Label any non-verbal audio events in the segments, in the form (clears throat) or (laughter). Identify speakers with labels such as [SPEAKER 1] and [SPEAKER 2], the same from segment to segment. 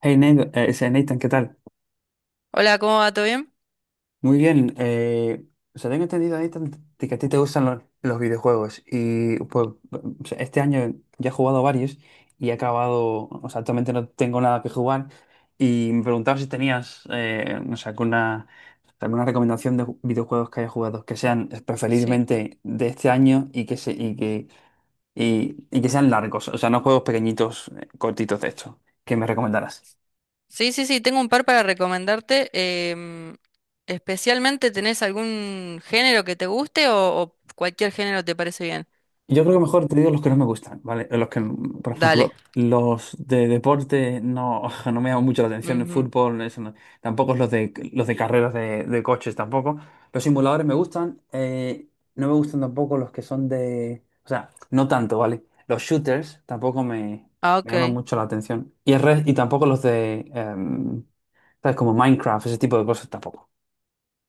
[SPEAKER 1] Hey, Nathan, ese Nathan, ¿qué tal?
[SPEAKER 2] Hola, ¿cómo va? ¿Todo bien?
[SPEAKER 1] Muy bien. O sea, tengo entendido, Nathan, de que a ti te gustan los videojuegos. Y pues, o sea, este año ya he jugado varios y he acabado. O sea, actualmente no tengo nada que jugar. Y me preguntaba si tenías, no sé, alguna, alguna recomendación de videojuegos que haya jugado, que sean
[SPEAKER 2] Sí.
[SPEAKER 1] preferiblemente de este año y que, se, y que sean largos. O sea, no juegos pequeñitos, cortitos de estos, que me recomendaras.
[SPEAKER 2] Sí, sí, sí, tengo un par para recomendarte. em, Especialmente, ¿tenés algún género que te guste o cualquier género te parece bien?
[SPEAKER 1] Yo creo que mejor te digo los que no me gustan, ¿vale? Los que, por
[SPEAKER 2] Dale.
[SPEAKER 1] ejemplo, los de deporte no, (laughs) no me llaman mucho la atención, el
[SPEAKER 2] Ujú.
[SPEAKER 1] fútbol, eso no. Tampoco los de los de carreras de coches tampoco. Los simuladores me gustan, no me gustan tampoco los que son de, o sea, no tanto, ¿vale? Los shooters tampoco me,
[SPEAKER 2] Ah,
[SPEAKER 1] me llaman
[SPEAKER 2] ok.
[SPEAKER 1] mucho la atención. Y y tampoco los de, ¿sabes? Como Minecraft, ese tipo de cosas tampoco.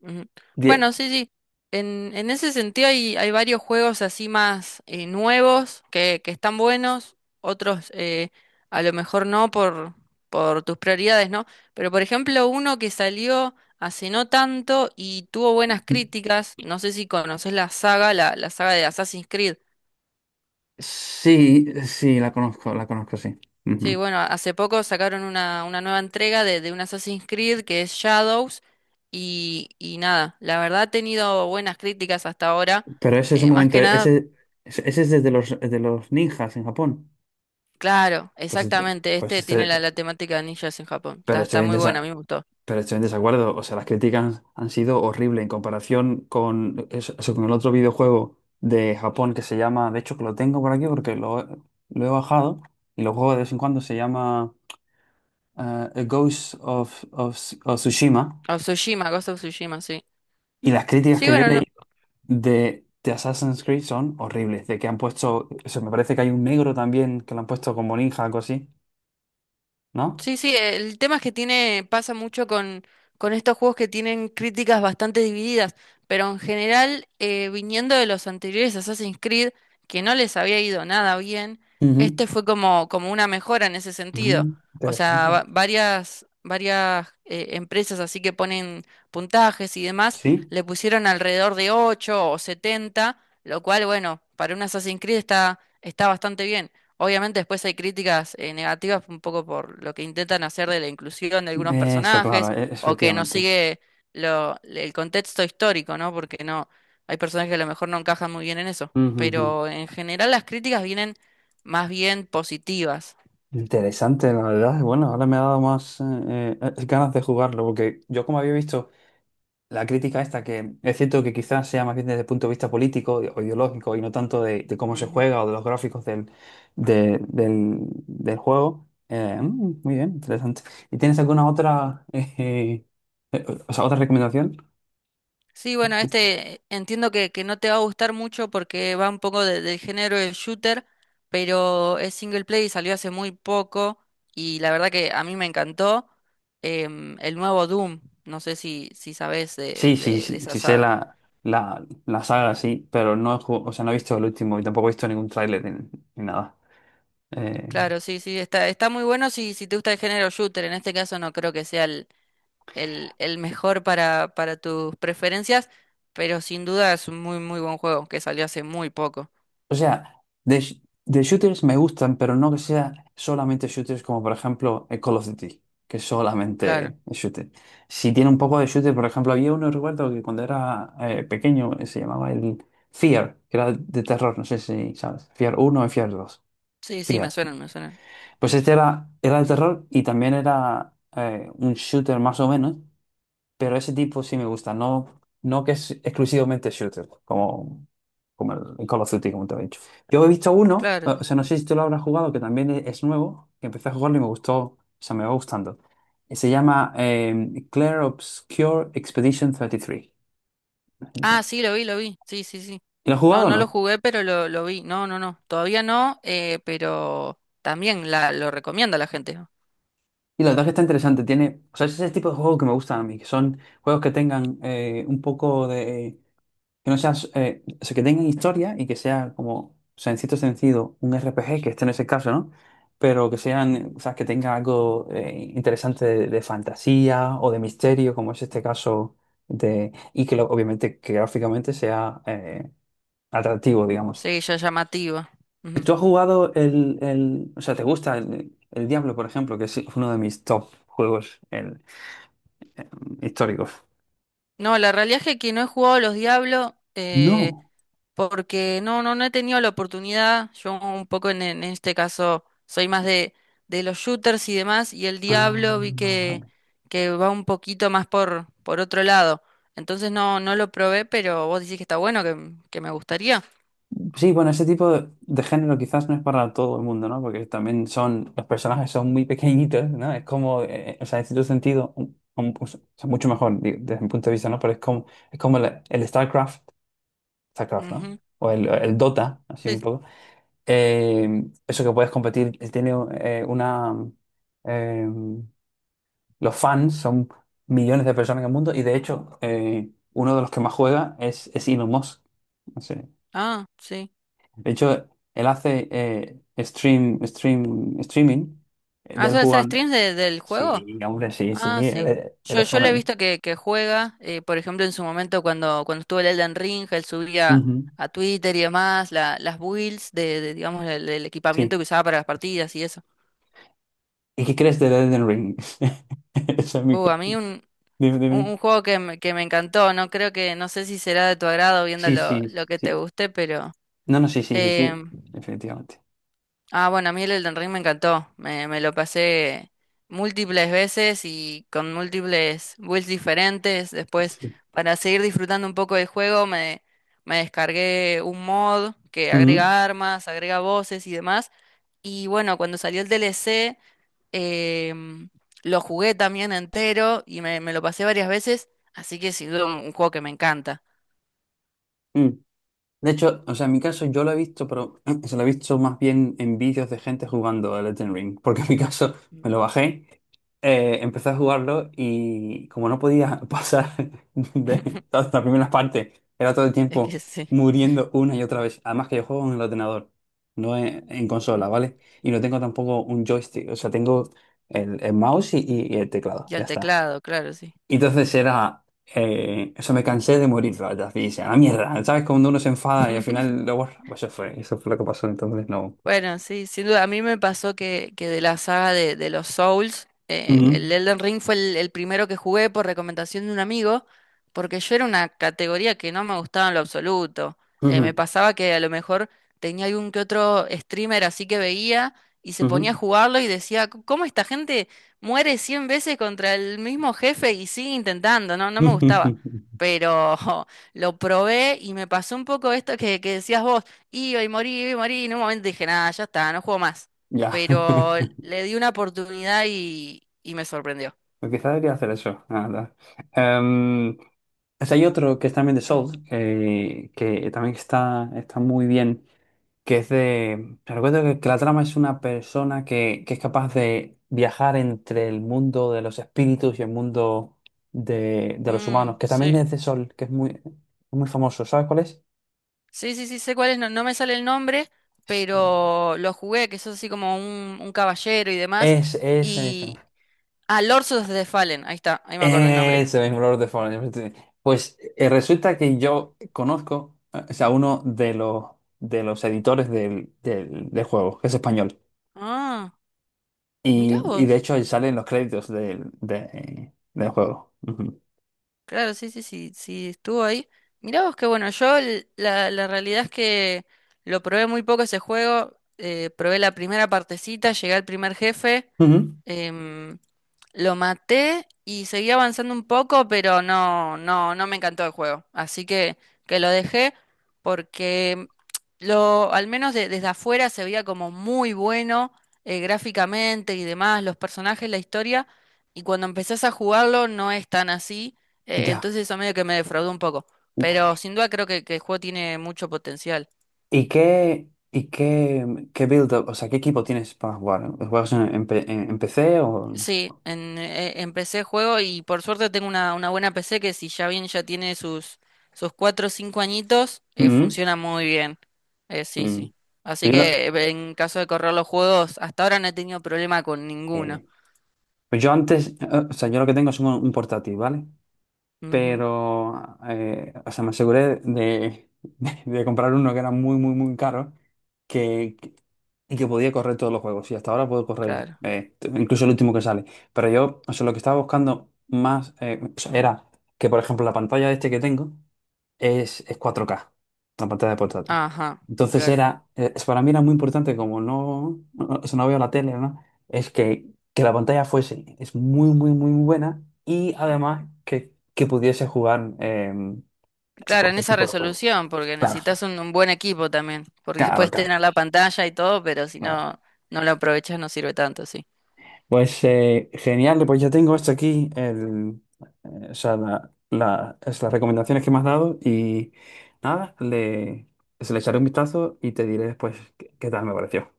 [SPEAKER 2] Ujú.
[SPEAKER 1] Die-
[SPEAKER 2] Bueno, sí, sí. En ese sentido hay, hay varios juegos así más nuevos que están buenos, otros a lo mejor no por, por tus prioridades, ¿no? Pero por ejemplo, uno que salió hace no tanto y tuvo buenas críticas, no sé si conoces la saga, la saga de Assassin's Creed.
[SPEAKER 1] Sí, sí, la conozco, sí.
[SPEAKER 2] Sí,
[SPEAKER 1] Ujú.
[SPEAKER 2] bueno, hace poco sacaron una nueva entrega de un Assassin's Creed que es Shadows y nada, la verdad ha tenido buenas críticas hasta ahora.
[SPEAKER 1] Pero ese es un
[SPEAKER 2] Más
[SPEAKER 1] momento,
[SPEAKER 2] que nada,
[SPEAKER 1] ese es desde de los ninjas en Japón.
[SPEAKER 2] claro, exactamente,
[SPEAKER 1] Pues
[SPEAKER 2] este tiene la,
[SPEAKER 1] este,
[SPEAKER 2] la temática de ninjas en Japón.
[SPEAKER 1] pero
[SPEAKER 2] Está,
[SPEAKER 1] estoy
[SPEAKER 2] está
[SPEAKER 1] en
[SPEAKER 2] muy buena, a
[SPEAKER 1] desa-
[SPEAKER 2] mí me gustó.
[SPEAKER 1] pero estoy en desacuerdo. O sea, las críticas han sido horribles en comparación con, eso, con el otro videojuego de Japón que se llama, de hecho que lo tengo por aquí porque lo he bajado y lo juego de vez en cuando, se llama eh, A Ghost of Tsushima.
[SPEAKER 2] O Tsushima, Ghost of Tsushima, sí.
[SPEAKER 1] Y las críticas
[SPEAKER 2] Sí,
[SPEAKER 1] que yo
[SPEAKER 2] bueno,
[SPEAKER 1] leí
[SPEAKER 2] no,
[SPEAKER 1] de Assassin's Creed son horribles. De que han puesto, eso me parece que hay un negro también que lo han puesto como ninja, algo así, ¿no?
[SPEAKER 2] sí, sí, el tema es que tiene, pasa mucho con estos juegos que tienen críticas bastante divididas, pero en general, viniendo de los anteriores Assassin's Creed, que no les había ido nada bien,
[SPEAKER 1] Ujú.
[SPEAKER 2] este fue como, como una mejora en ese sentido.
[SPEAKER 1] Mm,
[SPEAKER 2] O sea,
[SPEAKER 1] interesante.
[SPEAKER 2] varias, varias empresas así que ponen puntajes y demás,
[SPEAKER 1] Sí,
[SPEAKER 2] le pusieron alrededor de 8 o 70, lo cual, bueno, para un Assassin's Creed está, está bastante bien. Obviamente después hay críticas negativas un poco por lo que intentan hacer de la inclusión de algunos
[SPEAKER 1] eso, claro,
[SPEAKER 2] personajes o que no
[SPEAKER 1] efectivamente.
[SPEAKER 2] sigue lo, el contexto histórico, ¿no? Porque no hay personajes que a lo mejor no encajan muy bien en eso.
[SPEAKER 1] Ujú, ujú.
[SPEAKER 2] Pero en general las críticas vienen más bien positivas.
[SPEAKER 1] Interesante, la verdad. Bueno, ahora me ha dado más ganas de jugarlo, porque yo como había visto la crítica esta, que es cierto que quizás sea más bien desde el punto de vista político o ideológico y no tanto de cómo se juega o de los gráficos de- del, del juego. Mm, muy bien, interesante. ¿Y tienes alguna otra, (laughs) o sea, otra recomendación?
[SPEAKER 2] Sí, bueno, este entiendo que no te va a gustar mucho porque va un poco del género del shooter, pero es single play y salió hace muy poco y la verdad que a mí me encantó el nuevo Doom, no sé si, si sabes de,
[SPEAKER 1] Sí, sí,
[SPEAKER 2] de
[SPEAKER 1] sí,
[SPEAKER 2] esa
[SPEAKER 1] sí sé
[SPEAKER 2] saga.
[SPEAKER 1] la saga, sí, pero no, o sea, no he visto el último y tampoco he visto ningún tráiler ni, ni nada. Eh,
[SPEAKER 2] Claro, sí, sí, está, está muy bueno si, si te gusta el género shooter, en este caso no creo que sea el mejor para tus preferencias, pero sin duda es un muy, muy buen juego que salió hace muy poco.
[SPEAKER 1] O sea, de, de shooters me gustan, pero no que sea solamente shooters como por ejemplo Call of Duty, que es
[SPEAKER 2] Claro,
[SPEAKER 1] solamente shooter. Si tiene un poco de shooter, por ejemplo, había uno, recuerdo, que cuando era pequeño se llamaba el Fear, que era de terror, no sé si sabes, Fear uno y Fear dos.
[SPEAKER 2] sí, sí, me
[SPEAKER 1] Fear.
[SPEAKER 2] suenan, me suenan.
[SPEAKER 1] Pues este era, era de terror y también era un shooter más o menos, pero ese tipo sí me gusta, no, no que es exclusivamente shooter, como, como el Call of Duty, como te he dicho. Yo he visto uno,
[SPEAKER 2] Claro.
[SPEAKER 1] o sea, no sé si tú lo habrás jugado, que también es nuevo, que empecé a jugarlo y me gustó, o sea, me va gustando. Se llama Clair Obscure Expedition 33. Tres.
[SPEAKER 2] Ah,
[SPEAKER 1] Esa.
[SPEAKER 2] sí, lo vi, lo vi. Sí, sí, sí.
[SPEAKER 1] ¿Y lo has
[SPEAKER 2] No,
[SPEAKER 1] jugado o
[SPEAKER 2] no lo
[SPEAKER 1] no?
[SPEAKER 2] jugué, pero lo vi. No, no, no. Todavía no, pero también la, lo recomienda la gente, ¿no?
[SPEAKER 1] Y la verdad que está interesante, tiene, o sea, es ese tipo de juegos que me gustan a mí, que son juegos que tengan un poco de que no seas, o sea, que tengan historia y que sea como, o sea, en cierto sentido, un RPG, que este no es el caso, ¿no? Pero que
[SPEAKER 2] Ujú.
[SPEAKER 1] sean, o sea, que tenga algo interesante de fantasía o de misterio, como es este caso de, y obviamente que gráficamente sea atractivo, digamos.
[SPEAKER 2] Sí, ya llamativa. Ujú.
[SPEAKER 1] ¿Tú has jugado o sea, te gusta el Diablo, por ejemplo, que es uno de mis top juegos el, eh, históricos?
[SPEAKER 2] No, la realidad es que no he jugado a los Diablos
[SPEAKER 1] No.
[SPEAKER 2] porque no, no, no he tenido la oportunidad. Yo un poco en este caso soy más de los shooters y demás, y el
[SPEAKER 1] Ah,
[SPEAKER 2] Diablo vi
[SPEAKER 1] vale.
[SPEAKER 2] que va un poquito más por otro lado. Entonces no, no lo probé, pero vos decís que está bueno, que me gustaría.
[SPEAKER 1] Sí, bueno, ese tipo de género quizás no es para todo el mundo, ¿no? Porque también son, los personajes son muy pequeñitos, ¿no? Es como, o sea, en cierto sentido, o sea, mucho mejor desde mi punto de vista, ¿no? Pero es como el StarCraft, StarCraft, ¿no?
[SPEAKER 2] Ujú.
[SPEAKER 1] O el Dota, así un
[SPEAKER 2] Sí.
[SPEAKER 1] poco. Eso que puedes competir, tiene una... eh, los fans son millones de personas en el mundo y de hecho, uno de los que más juega es Elon Musk.
[SPEAKER 2] Ah, sí.
[SPEAKER 1] De hecho, él hace streaming de
[SPEAKER 2] Ah,
[SPEAKER 1] él
[SPEAKER 2] suele hacer
[SPEAKER 1] jugando.
[SPEAKER 2] streams del juego.
[SPEAKER 1] Sí, hombre, sí, sí.
[SPEAKER 2] Ah,
[SPEAKER 1] Él,
[SPEAKER 2] sí.
[SPEAKER 1] él
[SPEAKER 2] Yo,
[SPEAKER 1] es
[SPEAKER 2] yo le he
[SPEAKER 1] fan.
[SPEAKER 2] visto que juega, por ejemplo, en su momento cuando, cuando estuvo el Elden Ring, él subía
[SPEAKER 1] Ujú.
[SPEAKER 2] a Twitter y demás las builds de, digamos, el equipamiento
[SPEAKER 1] Sí.
[SPEAKER 2] que usaba para las partidas y eso.
[SPEAKER 1] ¿Y qué crees de Elden Ring? (laughs) Esa es mi...
[SPEAKER 2] A mí
[SPEAKER 1] dime, dime.
[SPEAKER 2] un juego que me encantó, no creo que, no sé si será de tu agrado viendo
[SPEAKER 1] Sí, sí,
[SPEAKER 2] lo que te
[SPEAKER 1] sí.
[SPEAKER 2] guste, pero...
[SPEAKER 1] No, no, sí, sí, sí, sí.
[SPEAKER 2] em,
[SPEAKER 1] Efectivamente.
[SPEAKER 2] Ah, bueno, a mí el Elden Ring me encantó. Me lo pasé múltiples veces y con múltiples builds diferentes. Después,
[SPEAKER 1] Sí.
[SPEAKER 2] para seguir disfrutando un poco del juego, me descargué un mod que agrega armas, agrega voces y demás. Y bueno, cuando salió el DLC, em, lo jugué también entero y me lo pasé varias veces. Así que sin duda un juego que me encanta.
[SPEAKER 1] Ujú. De hecho, o sea, en mi caso yo lo he visto, pero (clears throat) se lo he visto más bien en vídeos de gente jugando a Elden Ring, porque en mi caso me lo bajé, empecé a jugarlo y como no podía pasar (laughs) de
[SPEAKER 2] (laughs)
[SPEAKER 1] todas las primeras partes, era todo el
[SPEAKER 2] Es que
[SPEAKER 1] tiempo
[SPEAKER 2] sí.
[SPEAKER 1] muriendo una y otra vez. Además que yo juego en el ordenador, no en, en consola, ¿vale? Y no tengo tampoco un joystick, o sea, tengo el mouse y el teclado,
[SPEAKER 2] Y
[SPEAKER 1] ya
[SPEAKER 2] al
[SPEAKER 1] está.
[SPEAKER 2] teclado, claro, sí.
[SPEAKER 1] Y entonces era, eso me cansé de morir ratas, y dije, a la mierda, ¿sabes? Cuando uno se enfada y al
[SPEAKER 2] (laughs)
[SPEAKER 1] final lo borra, pues eso fue lo que pasó, entonces no.
[SPEAKER 2] Bueno, sí, sin duda. A mí me pasó que de la saga de los Souls,
[SPEAKER 1] Ujú,
[SPEAKER 2] el Elden Ring fue el primero que jugué por recomendación de un amigo, porque yo era una categoría que no me gustaba en lo absoluto. Me
[SPEAKER 1] ujú,
[SPEAKER 2] pasaba que a lo mejor tenía algún que otro streamer así que veía y se ponía a
[SPEAKER 1] ujú.
[SPEAKER 2] jugarlo y decía, ¿cómo esta gente muere 100 veces contra el mismo jefe y sigue intentando? No, no me gustaba.
[SPEAKER 1] (laughs)
[SPEAKER 2] Pero (laughs) lo probé y me pasó un poco esto que decías vos. Y hoy morí, y morí, y en un momento dije, nada, ya está, no juego más.
[SPEAKER 1] Ya, (laughs)
[SPEAKER 2] Pero le di una oportunidad y me sorprendió.
[SPEAKER 1] pues quizá debería hacer eso, la verdad. Em, O sea, hay otro que es también de Souls, que también está, está muy bien, que es de... Recuerdo que la trama es una persona que es capaz de viajar entre el mundo de los espíritus y el mundo de los
[SPEAKER 2] Mm,
[SPEAKER 1] humanos, que también
[SPEAKER 2] sí.
[SPEAKER 1] es de Soul, que es muy, muy famoso. ¿Sabes cuál es?
[SPEAKER 2] Sí, sí, sí, sé cuál es, no, no me sale el nombre,
[SPEAKER 1] Sí.
[SPEAKER 2] pero lo jugué, que sos así como un caballero y demás.
[SPEAKER 1] Es ese mismo.
[SPEAKER 2] Y... Ah, Lords of the Fallen, ahí está, ahí me acuerdo el nombre.
[SPEAKER 1] Ese mismo Lord of the Fallen. Pues resulta que yo conozco, o sea, uno de los editores del del juego, que es español.
[SPEAKER 2] Ah, mirá
[SPEAKER 1] Y de
[SPEAKER 2] vos.
[SPEAKER 1] hecho salen los créditos del, del juego. Ujú.
[SPEAKER 2] Claro, sí, sí, sí, sí, estuvo ahí. Mirá vos que bueno, yo la, la realidad es que lo probé muy poco ese juego, probé la primera partecita, llegué al primer jefe,
[SPEAKER 1] Ujú.
[SPEAKER 2] em, lo maté y seguí avanzando un poco, pero no, no, no me encantó el juego. Así que lo dejé porque lo, al menos desde afuera se veía como muy bueno, gráficamente y demás, los personajes, la historia, y cuando empezás a jugarlo no es tan así.
[SPEAKER 1] Ya.
[SPEAKER 2] Entonces eso medio que me defraudó un poco. Pero sin duda creo que el juego tiene mucho potencial.
[SPEAKER 1] Y qué, qué build up, o sea, qué equipo tienes para jugar? ¿Juegas en, en PC o...?
[SPEAKER 2] Sí, en, empecé el juego y por suerte tengo una buena PC que si ya bien ya tiene sus, sus 4 o 5 añitos,
[SPEAKER 1] Ujú.
[SPEAKER 2] funciona muy bien. Sí,
[SPEAKER 1] Mm.
[SPEAKER 2] sí. Así
[SPEAKER 1] Pues Yo, lo-
[SPEAKER 2] que en caso de correr los juegos, hasta ahora no he tenido problema con ninguno.
[SPEAKER 1] eh, pues yo antes, o sea, yo lo que tengo es un portátil, ¿vale?
[SPEAKER 2] Ujú,
[SPEAKER 1] Pero, o sea, me aseguré de, (laughs) de comprar uno que era muy, muy, muy caro que, que- y que podía correr todos los juegos. Y hasta ahora puedo correr
[SPEAKER 2] claro.
[SPEAKER 1] incluso el último que sale. Pero yo, o sea, lo que estaba buscando más o sea, era que, por ejemplo, la pantalla este que tengo es 4K la pantalla de portátil.
[SPEAKER 2] Ajá,
[SPEAKER 1] Entonces
[SPEAKER 2] claro.
[SPEAKER 1] era, para mí era muy importante, como no, no, eso no veo la tele, ¿no? Es que la pantalla fuese, es muy, muy, muy buena y además que pudiese jugar a
[SPEAKER 2] Claro, en
[SPEAKER 1] cualquier
[SPEAKER 2] esa
[SPEAKER 1] tipo de juego.
[SPEAKER 2] resolución, porque
[SPEAKER 1] Claro,
[SPEAKER 2] necesitas un buen equipo también, porque (laughs)
[SPEAKER 1] claro,
[SPEAKER 2] puedes
[SPEAKER 1] claro.
[SPEAKER 2] tener la pantalla y todo, pero si
[SPEAKER 1] Claro.
[SPEAKER 2] no, no lo aprovechas no sirve tanto, sí.
[SPEAKER 1] Pues genial, pues ya tengo esto aquí, el, o sea, es las recomendaciones que me has dado y nada, le, se le echaré un vistazo y te diré después qué qué tal me pareció.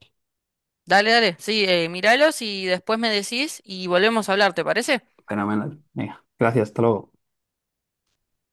[SPEAKER 2] Dale, dale, sí, míralos y después me decís y volvemos a hablar, ¿te parece?
[SPEAKER 1] Fenomenal. Venga, gracias, hasta luego.